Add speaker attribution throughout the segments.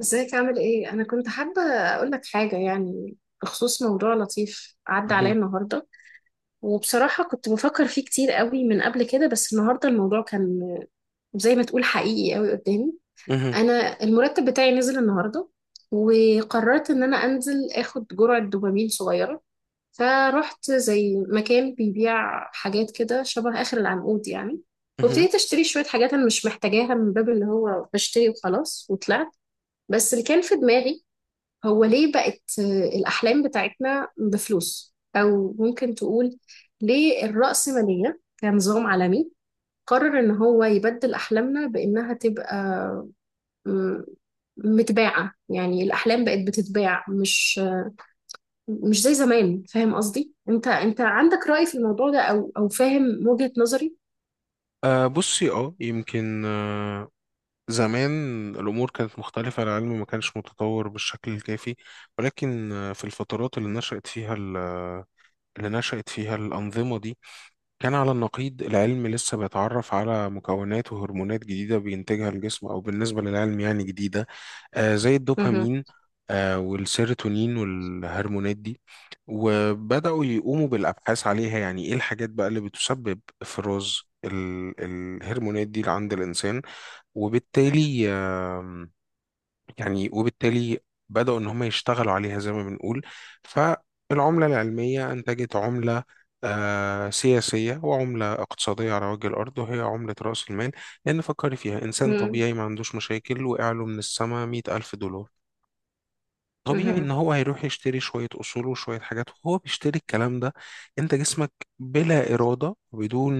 Speaker 1: ازيك عامل ايه؟ انا كنت حابة اقول لك حاجة يعني بخصوص موضوع لطيف عدى عليا
Speaker 2: مهم.
Speaker 1: النهاردة. وبصراحة كنت بفكر فيه كتير قوي من قبل كده، بس النهاردة الموضوع كان زي ما تقول حقيقي قوي قدامي.
Speaker 2: مهم.
Speaker 1: انا المرتب بتاعي نزل النهاردة، وقررت ان انا انزل اخد جرعة دوبامين صغيرة. فرحت زي مكان بيبيع حاجات كده شبه اخر العنقود يعني،
Speaker 2: مهم.
Speaker 1: وابتديت اشتري شوية حاجات انا مش محتاجاها من باب اللي هو بشتري وخلاص، وطلعت. بس اللي كان في دماغي هو ليه بقت الأحلام بتاعتنا بفلوس، أو ممكن تقول ليه الرأسمالية كنظام عالمي قرر إن هو يبدل أحلامنا بإنها تبقى م- متباعة. يعني الأحلام بقت بتتباع، مش زي زمان. فاهم قصدي؟ أنت عندك رأي في الموضوع ده أو فاهم وجهة نظري؟
Speaker 2: بصي، يمكن زمان الأمور كانت مختلفة. العلم ما كانش متطور بالشكل الكافي، ولكن في الفترات اللي نشأت فيها اللي نشأت فيها الأنظمة دي كان على النقيض. العلم لسه بيتعرف على مكونات وهرمونات جديدة بينتجها الجسم، أو بالنسبة للعلم يعني جديدة، زي
Speaker 1: مهم.
Speaker 2: الدوبامين والسيروتونين والهرمونات دي. وبدأوا يقوموا بالأبحاث عليها، يعني إيه الحاجات بقى اللي بتسبب إفراز الهرمونات دي عند الإنسان. وبالتالي يعني بدأوا إن هم يشتغلوا عليها زي ما بنقول. فالعملة العلمية أنتجت عملة سياسية وعملة اقتصادية على وجه الأرض، وهي عملة رأس المال. لأن فكري فيها، إنسان
Speaker 1: مم.
Speaker 2: طبيعي ما عندوش مشاكل وقع له من السما 100,000 دولار، طبيعي ان
Speaker 1: مهم.
Speaker 2: هو هيروح يشتري شوية اصول وشوية حاجات، وهو بيشتري الكلام ده. انت جسمك بلا ارادة، وبدون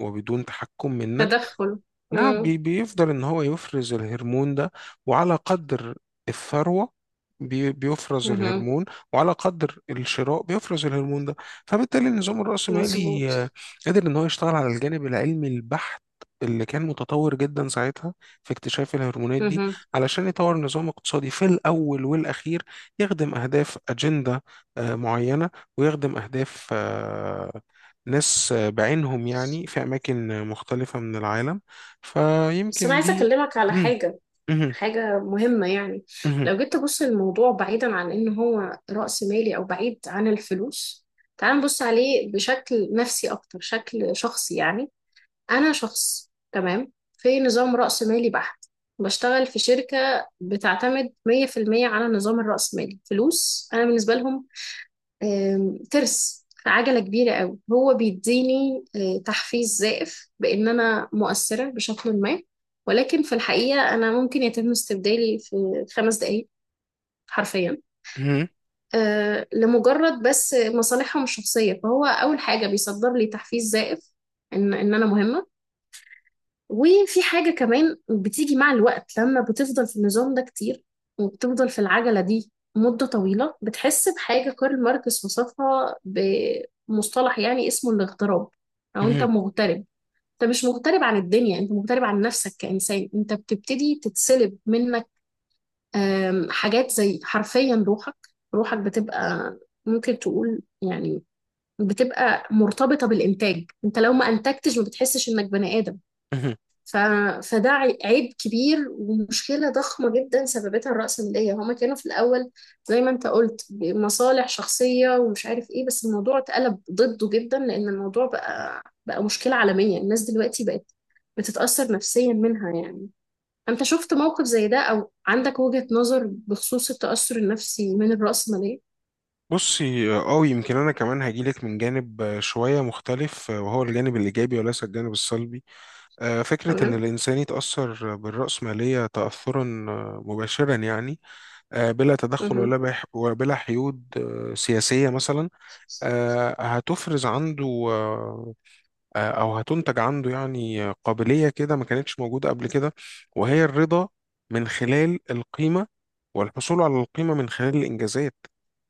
Speaker 2: وبدون تحكم منك.
Speaker 1: تدخل.
Speaker 2: نعم،
Speaker 1: مم.
Speaker 2: بيفضل ان هو يفرز الهرمون ده، وعلى قدر الثروة بيفرز
Speaker 1: مهم.
Speaker 2: الهرمون، وعلى قدر الشراء بيفرز الهرمون ده. فبالتالي النظام الرأسمالي
Speaker 1: مظبوط.
Speaker 2: قادر ان هو يشتغل على الجانب العلمي البحت اللي كان متطور جدا ساعتها في اكتشاف الهرمونات دي،
Speaker 1: مهم.
Speaker 2: علشان يطور نظام اقتصادي في الأول والأخير يخدم أهداف أجندة معينة، ويخدم أهداف ناس بعينهم، يعني في أماكن مختلفة من العالم.
Speaker 1: بس أنا
Speaker 2: فيمكن
Speaker 1: عايزة
Speaker 2: دي.
Speaker 1: أكلمك على
Speaker 2: مم،
Speaker 1: حاجة،
Speaker 2: مهم،
Speaker 1: حاجة مهمة يعني.
Speaker 2: مهم،
Speaker 1: لو جيت تبص الموضوع بعيدا عن إن هو رأس مالي أو بعيد عن الفلوس، تعال نبص عليه بشكل نفسي أكتر، شكل شخصي يعني. أنا شخص تمام في نظام رأس مالي بحت، بشتغل في شركة بتعتمد 100% على النظام الرأسمالي. فلوس أنا بالنسبة لهم ترس عجلة كبيرة قوي. هو بيديني تحفيز زائف بإن أنا مؤثرة بشكل ما، ولكن في الحقيقة أنا ممكن يتم استبدالي في 5 دقايق حرفيا،
Speaker 2: مهم،
Speaker 1: لمجرد بس مصالحهم الشخصية. فهو أول حاجة بيصدر لي تحفيز زائف إن أنا مهمة. وفي حاجة كمان بتيجي مع الوقت لما بتفضل في النظام ده كتير، وبتفضل في العجلة دي مدة طويلة. بتحس بحاجة كارل ماركس وصفها بمصطلح يعني اسمه الاغتراب، أو أنت
Speaker 2: مهم،
Speaker 1: مغترب. أنت مش مغترب عن الدنيا، أنت مغترب عن نفسك كإنسان. أنت بتبتدي تتسلب منك حاجات زي حرفيا روحك. روحك بتبقى ممكن تقول يعني بتبقى مرتبطة بالإنتاج. أنت لو ما أنتجتش ما بتحسش إنك بني آدم.
Speaker 2: مهم.
Speaker 1: ف... فده عيب كبير ومشكلة ضخمة جدا سببتها الرأسمالية. هما كانوا في الأول زي ما انت قلت مصالح شخصية ومش عارف ايه، بس الموضوع اتقلب ضده جدا، لأن الموضوع بقى مشكلة عالمية. الناس دلوقتي بقت بتتأثر نفسيا منها يعني. انت شفت موقف زي ده أو عندك وجهة نظر بخصوص التأثر النفسي من الرأسمالية؟
Speaker 2: بصي، يمكن انا كمان هجيلك من جانب شويه مختلف، وهو الجانب الايجابي وليس الجانب السلبي. فكره ان
Speaker 1: تمام.
Speaker 2: الانسان يتاثر بالراسماليه تاثرا مباشرا، يعني بلا تدخل
Speaker 1: مهم.
Speaker 2: ولا وبلا حيود سياسيه مثلا، هتفرز عنده، آه، او هتنتج عنده يعني قابليه كده ما كانتش موجوده قبل كده، وهي الرضا من خلال القيمه، والحصول على القيمه من خلال الانجازات.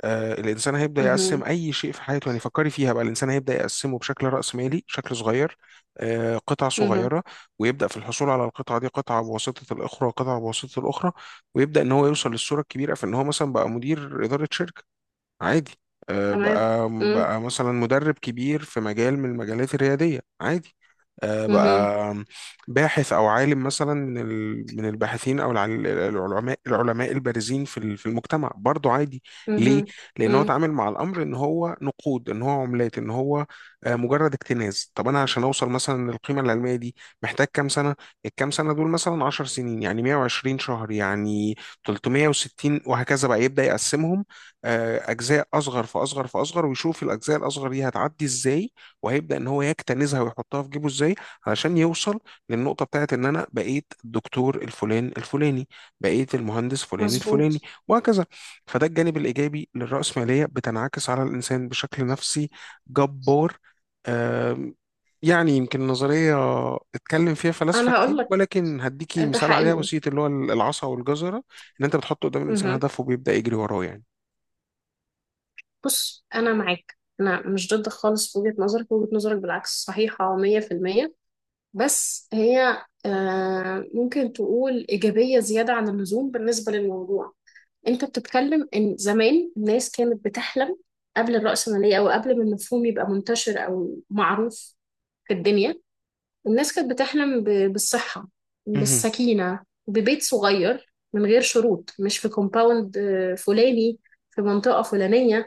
Speaker 2: الانسان هيبدا يقسم
Speaker 1: مهم.
Speaker 2: اي شيء في حياته، يعني فكري فيها بقى، الانسان هيبدا يقسمه بشكل راسمالي شكل صغير، قطع
Speaker 1: مهم.
Speaker 2: صغيره، ويبدا في الحصول على القطعه دي قطعه بواسطه الاخرى وقطعه بواسطه الاخرى، ويبدا ان هو يوصل للصوره الكبيره في ان هو مثلا بقى مدير اداره شركه عادي،
Speaker 1: تمام.
Speaker 2: بقى
Speaker 1: مم.
Speaker 2: بقى مثلا مدرب كبير في مجال من المجالات الريادية عادي،
Speaker 1: مهم.
Speaker 2: بقى باحث أو عالم مثلا من من الباحثين أو العلماء البارزين في في المجتمع برضه عادي. ليه؟
Speaker 1: مهم.
Speaker 2: لأن هو
Speaker 1: مم.
Speaker 2: اتعامل مع الأمر إن هو نقود، إن هو عملات، إن هو مجرد اكتناز. طب أنا عشان أوصل مثلا للقيمة العلمية دي محتاج كام سنة؟ الكام سنة دول مثلا 10 سنين، يعني 120 شهر، يعني 360، وهكذا بقى يبدأ يقسمهم اجزاء اصغر فاصغر فاصغر، ويشوف الاجزاء الاصغر دي هتعدي ازاي، وهيبدا ان هو يكتنزها ويحطها في جيبه ازاي، علشان يوصل للنقطه بتاعت ان انا بقيت الدكتور الفلان الفلاني، بقيت المهندس فلان الفلاني،
Speaker 1: مظبوط.
Speaker 2: وهكذا. فده الجانب الايجابي للراسماليه، بتنعكس على الانسان بشكل نفسي جبار. آم، يعني يمكن نظرية اتكلم فيها فلاسفة
Speaker 1: انا هقول
Speaker 2: كتير،
Speaker 1: لك،
Speaker 2: ولكن هديكي
Speaker 1: ده
Speaker 2: مثال عليها
Speaker 1: حقيقي.
Speaker 2: بسيط، اللي هو العصا والجزرة، ان انت بتحط قدام الانسان
Speaker 1: مهم.
Speaker 2: هدف وبيبدأ يجري وراه يعني.
Speaker 1: بص، انا معاك، انا مش ضد خالص في وجهة نظرك. وجهة نظرك بالعكس صحيحة 100%. بس هي ممكن تقول إيجابية زيادة عن اللزوم بالنسبة للموضوع. انت بتتكلم ان زمان الناس كانت بتحلم قبل الرأسمالية او قبل ما المفهوم يبقى منتشر او معروف في الدنيا. الناس كانت بتحلم بالصحة،
Speaker 2: مهم.
Speaker 1: بالسكينة، ببيت صغير من غير شروط، مش في كومباوند فلاني في منطقة فلانية.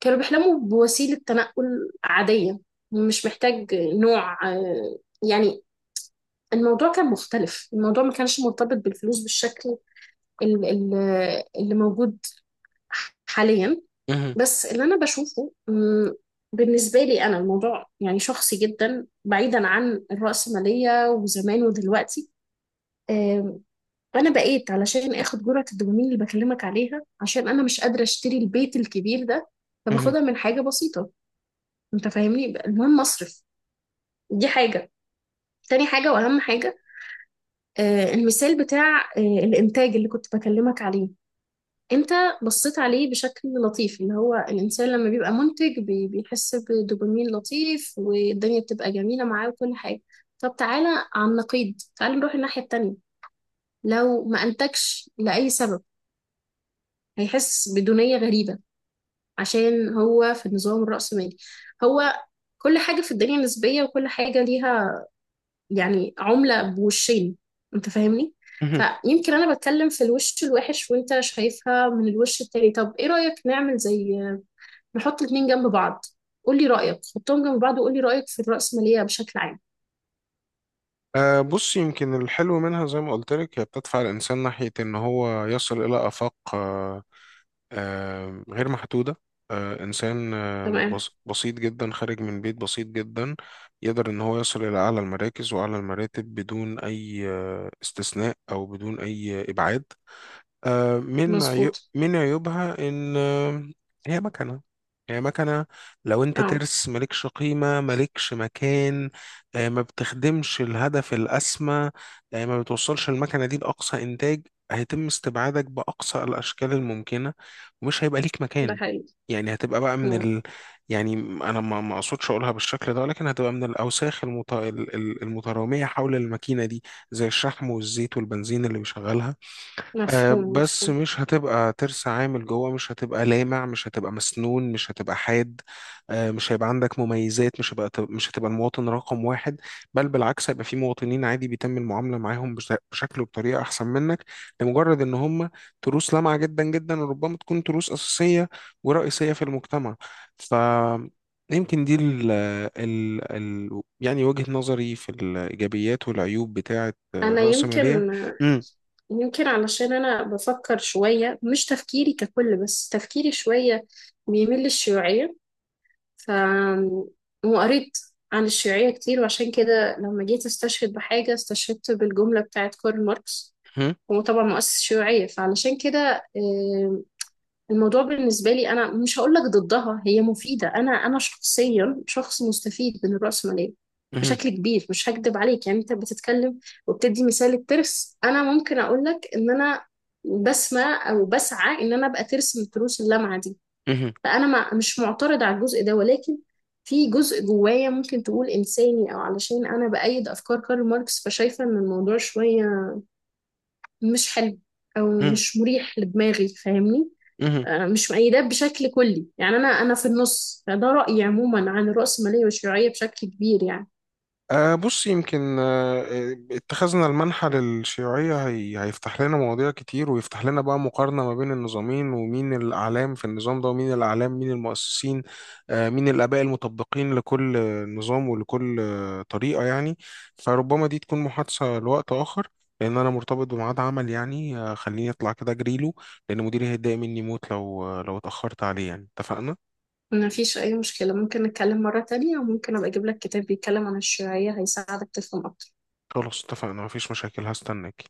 Speaker 1: كانوا بيحلموا بوسيلة تنقل عادية، مش محتاج نوع يعني. الموضوع كان مختلف، الموضوع ما كانش مرتبط بالفلوس بالشكل ال- ال- اللي موجود حاليا.
Speaker 2: مهم.
Speaker 1: بس اللي أنا بشوفه، بالنسبة لي أنا الموضوع يعني شخصي جدا بعيدا عن الرأسمالية وزمان ودلوقتي. آم، أنا بقيت علشان آخد جرعة الدوبامين اللي بكلمك عليها عشان أنا مش قادرة أشتري البيت الكبير ده،
Speaker 2: مهم.
Speaker 1: فباخدها من حاجة بسيطة. انت فاهمني، المهم اصرف. دي حاجة. تاني حاجة واهم حاجة، المثال بتاع الانتاج اللي كنت بكلمك عليه. انت بصيت عليه بشكل لطيف، اللي هو الانسان لما بيبقى منتج بيحس بدوبامين لطيف والدنيا بتبقى جميلة معاه وكل حاجة. طب تعالى على النقيض، تعالى نروح الناحية التانية. لو ما انتجش لأي سبب، هيحس بدونية غريبة، عشان هو في النظام الرأسمالي. هو كل حاجة في الدنيا نسبية وكل حاجة ليها يعني عملة بوشين. انت فاهمني.
Speaker 2: مهم.
Speaker 1: فيمكن انا بتكلم في الوش الوحش وانت شايفها من الوش التاني. طب ايه رأيك نعمل زي نحط الاتنين جنب بعض. قولي رأيك، حطهم جنب بعض وقولي رأيك في الرأسمالية بشكل عام.
Speaker 2: بص، يمكن الحلو منها زي ما قلت لك، هي بتدفع الإنسان ناحية إن هو يصل إلى آفاق غير محدودة. إنسان
Speaker 1: تمام.
Speaker 2: بسيط جدا خارج من بيت بسيط جدا يقدر إن هو يصل إلى أعلى المراكز وأعلى المراتب بدون أي استثناء، أو بدون أي إبعاد.
Speaker 1: مظبوط.
Speaker 2: من عيوبها ان هي مكنه هي مكنه، لو انت
Speaker 1: اه،
Speaker 2: ترس مالكش قيمه مالكش مكان. ما بتخدمش الهدف الاسمى، ما بتوصلش المكنه دي لاقصى انتاج، هيتم استبعادك باقصى الاشكال الممكنه، ومش هيبقى ليك
Speaker 1: ده
Speaker 2: مكان.
Speaker 1: حقيقي.
Speaker 2: يعني هتبقى بقى
Speaker 1: مم.
Speaker 2: يعني انا ما اقصدش اقولها بالشكل ده، ولكن هتبقى من الاوساخ المتراميه حول الماكينه دي، زي الشحم والزيت والبنزين اللي بيشغلها.
Speaker 1: مفهوم،
Speaker 2: بس
Speaker 1: مفهوم.
Speaker 2: مش هتبقى ترس عامل جوه، مش هتبقى لامع، مش هتبقى مسنون، مش هتبقى حاد. مش هيبقى عندك مميزات، مش هتبقى المواطن رقم واحد. بل بالعكس، هيبقى في مواطنين عادي بيتم المعاملة معاهم بشكل وبطريقة أحسن منك، لمجرد إن هم تروس لامعة جدا جدا، وربما تكون تروس أساسية ورئيسية في المجتمع. ف يمكن دي ال ال ال يعني وجهة نظري في الإيجابيات والعيوب بتاعة
Speaker 1: انا يمكن
Speaker 2: الرأسمالية. مم.
Speaker 1: يمكن علشان انا بفكر شوية، مش تفكيري ككل بس تفكيري شوية بيميل للشيوعية. ف وقريت عن الشيوعية كتير، وعشان كده لما جيت استشهد بحاجة استشهدت بالجملة بتاعت كارل ماركس. هو طبعا مؤسس الشيوعية، فعلشان كده الموضوع بالنسبة لي أنا مش هقول لك ضدها، هي مفيدة. أنا شخصيا شخص مستفيد من الرأسمالية
Speaker 2: مم.
Speaker 1: بشكل كبير، مش هكدب عليك يعني. أنت بتتكلم وبتدي مثال الترس، أنا ممكن أقول لك إن أنا بسمع أو بسعى إن أنا أبقى ترس من تروس اللمعة دي.
Speaker 2: مهم.
Speaker 1: فانا ما مش معترض على الجزء ده، ولكن في جزء جوايا ممكن تقول انساني او علشان انا بايد افكار كارل ماركس، فشايفه ان الموضوع شويه مش حلو او
Speaker 2: مهم.
Speaker 1: مش مريح لدماغي. فاهمني؟
Speaker 2: مهم.
Speaker 1: مش مؤيداه بشكل كلي يعني، انا في النص. فده رايي عموما عن الرأسمالية والشيوعيه بشكل كبير يعني.
Speaker 2: بص، يمكن، أه آه، اتخذنا المنحى للشيوعية، هي هيفتح لنا مواضيع كتير، ويفتح لنا بقى مقارنة ما بين النظامين، ومين الأعلام في النظام ده، ومين الأعلام، مين المؤسسين، أه مين الآباء المطبقين لكل نظام ولكل طريقة يعني. فربما دي تكون محادثة لوقت آخر، لأن أنا مرتبط بميعاد عمل، يعني خليني أطلع كده أجريله، لأن مديري هيتضايق مني موت لو لو اتأخرت عليه، يعني اتفقنا؟
Speaker 1: ما فيش اي مشكله، ممكن نتكلم مره تانية، وممكن ابقى اجيب لك كتاب بيتكلم عن الشيوعيه هيساعدك تفهم اكتر.
Speaker 2: خلاص، اتفقنا، مفيش مشاكل، هستناك.